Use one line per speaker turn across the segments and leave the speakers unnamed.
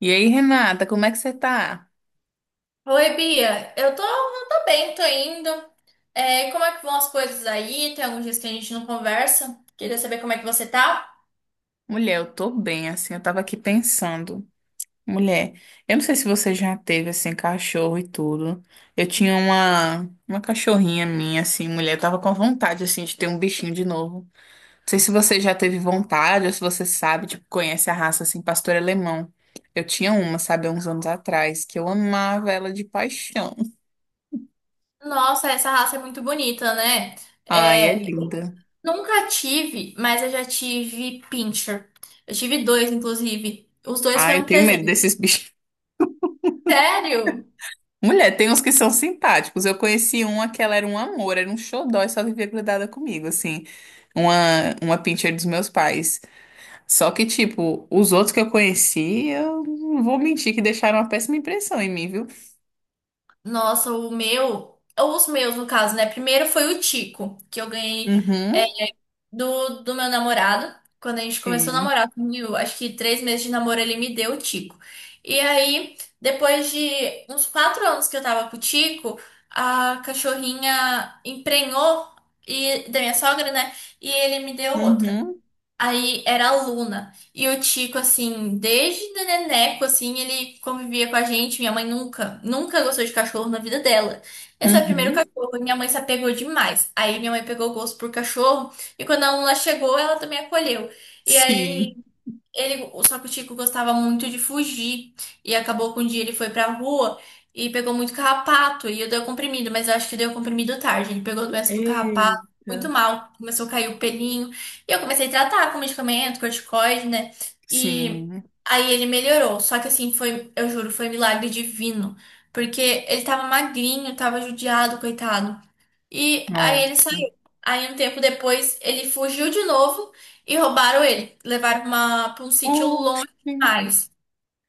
E aí, Renata, como é que você tá?
Oi, Bia. Eu tô bem, tô indo. É, como é que vão as coisas aí? Tem alguns dias que a gente não conversa. Queria saber como é que você tá.
Mulher, eu tô bem, assim, eu tava aqui pensando. Mulher, eu não sei se você já teve, assim, cachorro e tudo. Eu tinha uma cachorrinha minha, assim, mulher, eu tava com vontade, assim, de ter um bichinho de novo. Não sei se você já teve vontade ou se você sabe, tipo, conhece a raça, assim, pastor alemão. Eu tinha uma, sabe, há uns anos atrás, que eu amava ela de paixão.
Nossa, essa raça é muito bonita, né?
Ai, é
É,
linda.
nunca tive, mas eu já tive pincher. Eu tive dois, inclusive. Os dois
Ai,
foram
eu tenho medo
presentes.
desses bichos.
Sério?
Mulher, tem uns que são simpáticos. Eu conheci uma que ela era um amor, era um xodó e só vivia grudada comigo, assim. Uma pincher dos meus pais. Só que, tipo, os outros que eu conheci, eu não vou mentir que deixaram uma péssima impressão em mim, viu?
Nossa, o meu, ou os meus no caso, né? Primeiro foi o Tico, que eu ganhei
Uhum,
do meu namorado. Quando a gente começou a
sim.
namorar, eu, acho que três meses de namoro, ele me deu o Tico. E aí, depois de uns quatro anos que eu tava com o Tico, a cachorrinha emprenhou e, da minha sogra, né? E ele me deu outra.
Uhum,
Aí era a Luna. E o Tico, assim, desde neneco, assim, ele convivia com a gente. Minha mãe nunca, nunca gostou de cachorro na vida dela. Esse é o primeiro
uhum,
cachorro e minha mãe se apegou demais. Aí minha mãe pegou gosto por cachorro e quando a Luna chegou, ela também acolheu. E aí
sim.
ele, só que o Chico gostava muito de fugir. E acabou que um dia ele foi pra rua e pegou muito carrapato. E eu dei o comprimido, mas eu acho que deu comprimido tarde. Ele pegou a doença do carrapato, muito
Eita,
mal. Começou a cair o pelinho. E eu comecei a tratar com medicamento, corticoide, né? E
sim.
aí ele melhorou. Só que assim, foi, eu juro, foi milagre divino. Porque ele tava magrinho, tava judiado, coitado. E aí ele
Nossa.
saiu. Aí um tempo depois ele fugiu de novo. E roubaram ele, levaram uma, pra um sítio longe
Oxi.
demais.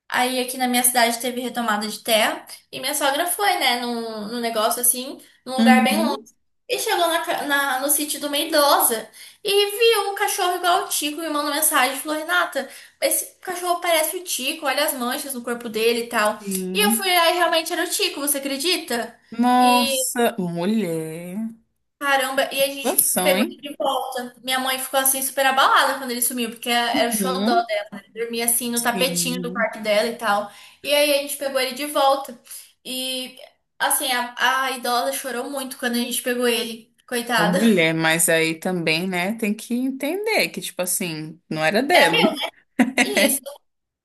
Aí aqui na minha cidade teve retomada de terra e minha sogra foi, né, num negócio assim, num lugar bem longe.
Uhum,
E chegou na, no sítio de uma idosa e viu um cachorro igual o Tico e me mandou mensagem, e falou, Renata, esse cachorro parece o Tico, olha as manchas no corpo dele e tal. E eu fui
sim.
lá e realmente era o Tico, você acredita? E
Nossa, mulher.
caramba, e
Que
a gente
situação,
pegou
hein?
ele de volta. Minha mãe ficou assim super abalada quando ele sumiu, porque era o xodó.
Uhum.
Dormia assim no tapetinho do
Sim,
quarto dela e tal. E aí a gente pegou ele de volta. E assim, a idosa chorou muito quando a gente pegou ele,
uma
coitada.
mulher, mas aí também, né, tem que entender que, tipo assim, não era
É
dela.
meu. Isso.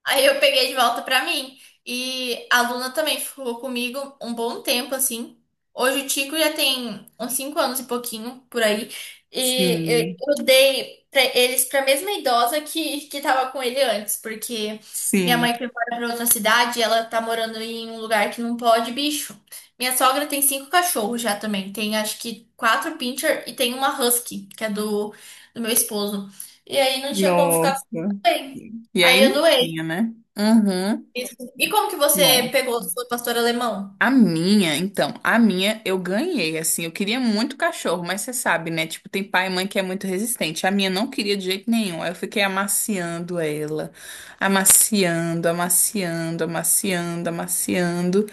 Aí eu peguei de volta pra mim. E a Luna também ficou comigo um bom tempo, assim. Hoje o Tico já tem uns 5 anos e pouquinho por aí. E
Sim,
eu dei pra eles pra mesma idosa que tava com ele antes, porque minha mãe
sim,
foi embora pra outra cidade e ela tá morando em um lugar que não pode bicho. Minha sogra tem cinco cachorros já também. Tem acho que quatro pincher e tem uma husky, que é do meu esposo. E aí não tinha como ficar com
nossa.
ninguém.
E
Aí
aí
eu
não tinha,
doei.
né? Uhum.
Isso. E como que você pegou sua pastora alemão?
A minha, então, a minha eu ganhei, assim, eu queria muito cachorro, mas você sabe, né? Tipo, tem pai e mãe que é muito resistente. A minha não queria de jeito nenhum. Aí eu fiquei amaciando ela, amaciando, amaciando, amaciando, amaciando.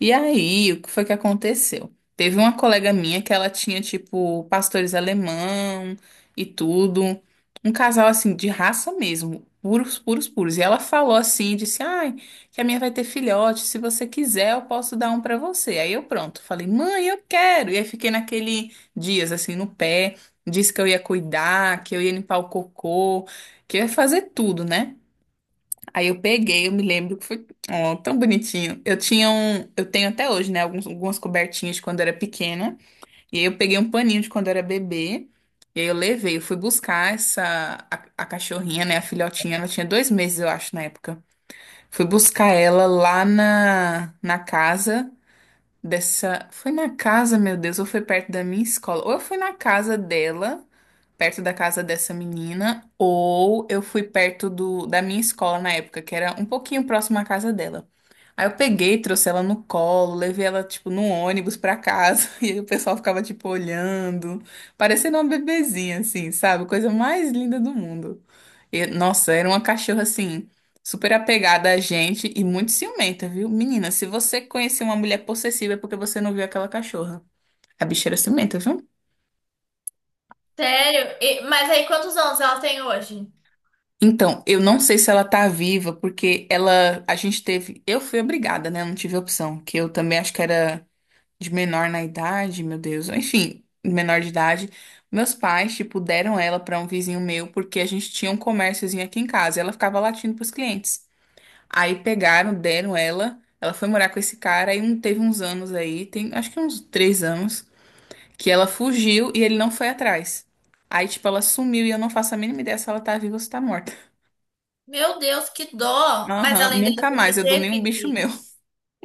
E aí, o que foi que aconteceu? Teve uma colega minha que ela tinha, tipo, pastores alemão e tudo. Um casal, assim, de raça mesmo, puros, puros, puros. E ela falou assim, disse, ai que a minha vai ter filhote, se você quiser, eu posso dar um pra você. Aí eu pronto, falei, mãe, eu quero. E aí fiquei naquele dias assim no pé, disse que eu ia cuidar, que eu ia limpar o cocô, que eu ia fazer tudo, né? Aí eu peguei, eu me lembro que foi, ó, tão bonitinho. Eu tinha um, eu tenho até hoje, né, alguns, algumas cobertinhas de quando eu era pequena, e aí eu peguei um paninho de quando eu era bebê. E aí eu levei, eu fui buscar a cachorrinha, né, a filhotinha, ela tinha dois meses, eu acho, na época. Fui buscar ela lá na casa dessa. Foi na casa, meu Deus, ou foi perto da minha escola? Ou eu fui na casa dela, perto da casa dessa menina, ou eu fui perto da minha escola na época, que era um pouquinho próximo à casa dela. Aí eu peguei, trouxe ela no colo, levei ela, tipo, no ônibus pra casa, e aí o pessoal ficava, tipo, olhando, parecendo uma bebezinha, assim, sabe? Coisa mais linda do mundo. E, nossa, era uma cachorra assim, super apegada a gente e muito ciumenta, viu? Menina, se você conhecer uma mulher possessiva é porque você não viu aquela cachorra. A bicha era ciumenta, viu?
Sério? Mas aí, quantos anos ela tem hoje?
Então, eu não sei se ela tá viva, porque ela, a gente teve, eu fui obrigada, né? Eu não tive opção, que eu também acho que era de menor na idade, meu Deus. Enfim, menor de idade. Meus pais, tipo, deram ela pra um vizinho meu porque a gente tinha um comérciozinho aqui em casa. E ela ficava latindo pros clientes. Aí pegaram, deram ela. Ela foi morar com esse cara. Aí um, teve uns anos aí, tem acho que uns três anos, que ela fugiu e ele não foi atrás. Aí, tipo, ela sumiu e eu não faço a mínima ideia se ela tá viva ou se tá morta.
Meu Deus, que dó! Mas
Aham,
além dela,
nunca mais,
você
eu dou nenhum bicho
teve.
meu.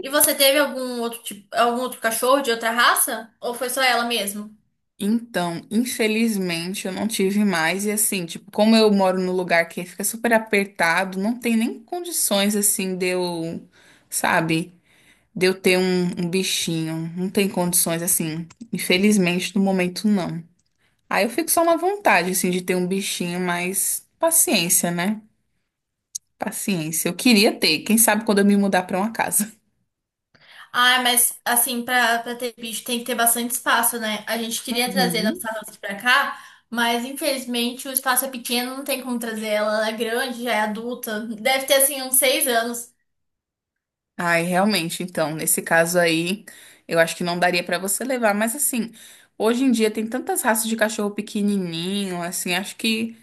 E você teve algum outro tipo, algum outro cachorro de outra raça? Ou foi só ela mesmo?
Então, infelizmente, eu não tive mais. E assim, tipo, como eu moro num lugar que fica super apertado, não tem nem condições, assim, de eu, sabe, de eu ter um bichinho. Não tem condições, assim, infelizmente, no momento, não. Aí eu fico só na vontade, assim, de ter um bichinho, mas paciência, né? Paciência. Eu queria ter, quem sabe quando eu me mudar pra uma casa.
Ah, mas assim, pra ter bicho tem que ter bastante espaço, né? A gente queria trazer
Uhum.
nossa raça pra cá, mas infelizmente o espaço é pequeno, não tem como trazer ela. Ela é grande, já é adulta. Deve ter assim uns seis anos.
Ai, realmente, então, nesse caso aí, eu acho que não daria pra você levar, mas assim, hoje em dia tem tantas raças de cachorro pequenininho, assim, acho que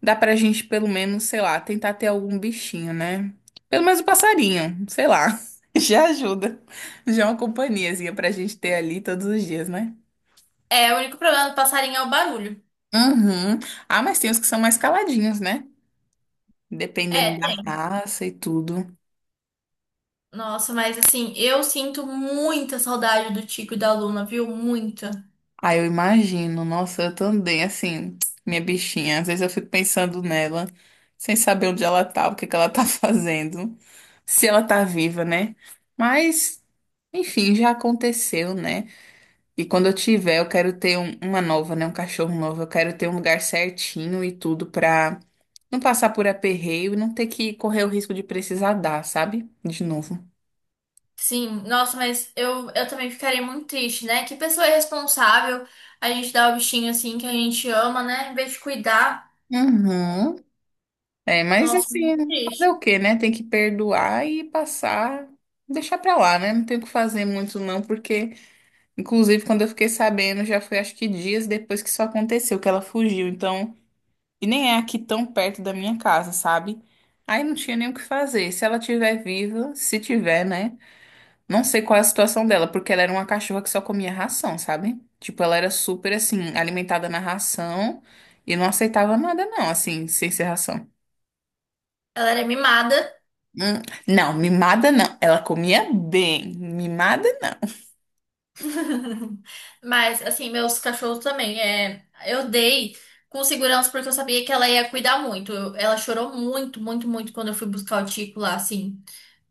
dá pra gente pelo menos, sei lá, tentar ter algum bichinho, né? Pelo menos um passarinho, sei lá. Já ajuda. Já é uma companhiazinha pra gente ter ali todos os dias, né?
É, o único problema do passarinho é o barulho.
Uhum. Ah, mas tem os que são mais caladinhos, né? Dependendo
É, tem.
da raça e tudo.
Nossa, mas assim, eu sinto muita saudade do Tico e da Luna, viu? Muita.
Ah, eu imagino. Nossa, eu também, assim, minha bichinha. Às vezes eu fico pensando nela, sem saber onde ela tá, o que que ela tá fazendo, se ela tá viva, né? Mas, enfim, já aconteceu, né? E quando eu tiver, eu quero ter uma nova, né? Um cachorro novo. Eu quero ter um lugar certinho e tudo pra não passar por aperreio e não ter que correr o risco de precisar dar, sabe? De novo.
Sim, nossa, mas eu também ficaria muito triste, né? Que pessoa irresponsável a gente dá o bichinho assim que a gente ama, né? Em vez de cuidar.
Uhum. É, mas
Nossa,
assim,
muito
fazer o
triste.
quê, né? Tem que perdoar e passar, deixar pra lá, né? Não tem o que fazer muito não, porque inclusive quando eu fiquei sabendo, já foi acho que dias depois que isso aconteceu, que ela fugiu, então, e nem é aqui tão perto da minha casa, sabe? Aí não tinha nem o que fazer. Se ela tiver viva, se tiver, né? Não sei qual é a situação dela, porque ela era uma cachorra que só comia ração, sabe? Tipo, ela era super assim, alimentada na ração e não aceitava nada não, assim, sem ser ração.
Ela era mimada.
Hum, não, mimada não. Ela comia bem. Mimada não.
Mas, assim, meus cachorros também. É, eu dei com segurança porque eu sabia que ela ia cuidar muito. Ela chorou muito, muito, muito quando eu fui buscar o Tico lá, assim.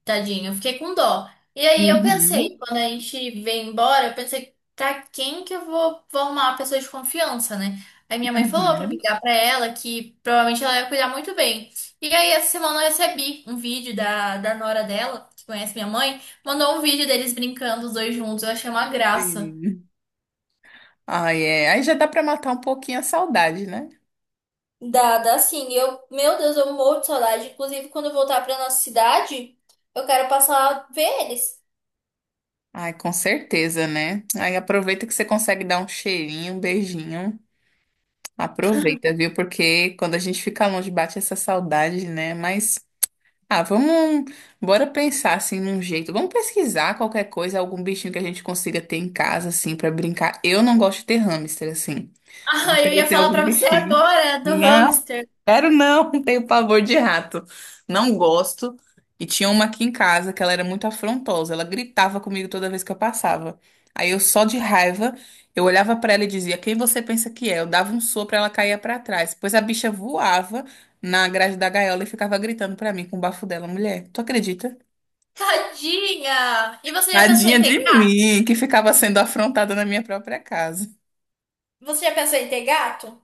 Tadinho, eu fiquei com dó. E aí eu pensei,
Uhum,
quando a gente veio embora, eu pensei, pra quem que vou arrumar uma pessoa de confiança, né? Aí minha mãe falou pra
uhum,
ligar pra ela que provavelmente ela ia cuidar muito bem. E aí essa semana eu recebi um vídeo da nora dela, que conhece minha mãe, mandou um vídeo deles brincando os dois juntos. Eu achei uma graça.
sim. Ai, é. Aí já dá pra matar um pouquinho a saudade, né?
Dá, dá sim. Eu, meu Deus, eu morro de saudade. Inclusive, quando eu voltar pra nossa cidade, eu quero passar a ver eles.
Ai, com certeza, né? Aí aproveita que você consegue dar um cheirinho, um beijinho. Aproveita, viu? Porque quando a gente fica longe, bate essa saudade, né? Mas, ah, vamos. Bora pensar assim num jeito. Vamos pesquisar qualquer coisa, algum bichinho que a gente consiga ter em casa, assim, pra brincar. Eu não gosto de ter hamster, assim.
Ah, eu
Deve
ia
ter
falar
algum
pra você
bichinho.
agora do
Não,
hamster.
quero não, tenho pavor de rato. Não gosto. E tinha uma aqui em casa que ela era muito afrontosa. Ela gritava comigo toda vez que eu passava. Aí eu só de raiva, eu olhava pra ela e dizia: "Quem você pensa que é?" Eu dava um sopro, ela caía pra trás. Pois a bicha voava na grade da gaiola e ficava gritando pra mim com o bafo dela, mulher. Tu acredita?
Tadinha! E você já pensou
Tadinha
em ter
de
gato?
mim, que ficava sendo afrontada na minha própria casa.
Você já pensou em ter gato?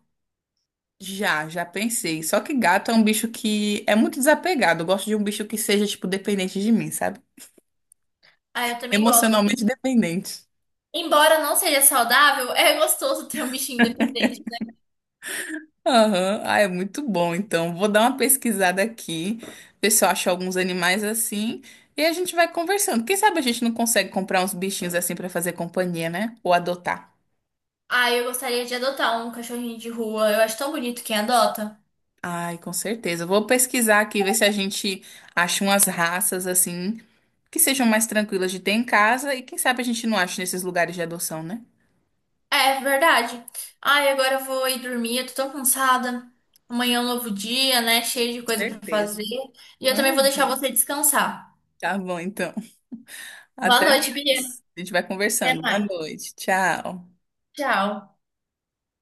Já, já pensei. Só que gato é um bicho que é muito desapegado. Eu gosto de um bicho que seja, tipo, dependente de mim, sabe?
Ah, eu também gosto.
Emocionalmente dependente.
Embora não seja saudável, é gostoso ter um bichinho independente.
Aham. Ah, é muito bom. Então, vou dar uma pesquisada aqui, ver se eu acho alguns animais assim. E a gente vai conversando. Quem sabe a gente não consegue comprar uns bichinhos assim pra fazer companhia, né? Ou adotar.
Ah, eu gostaria de adotar um cachorrinho de rua. Eu acho tão bonito quem adota.
Ai, com certeza. Vou pesquisar aqui, ver se a gente acha umas raças assim que sejam mais tranquilas de ter em casa. E quem sabe a gente não acha nesses lugares de adoção, né?
É verdade. Ai, agora eu vou ir dormir. Eu tô tão cansada. Amanhã é um novo dia, né? Cheio de
Com
coisa pra
certeza.
fazer. E eu também vou deixar
Uhum.
você descansar.
Tá bom, então.
Boa
Até
noite, Bia.
mais. A gente vai
Até
conversando. Boa
mais.
noite. Tchau.
Tchau.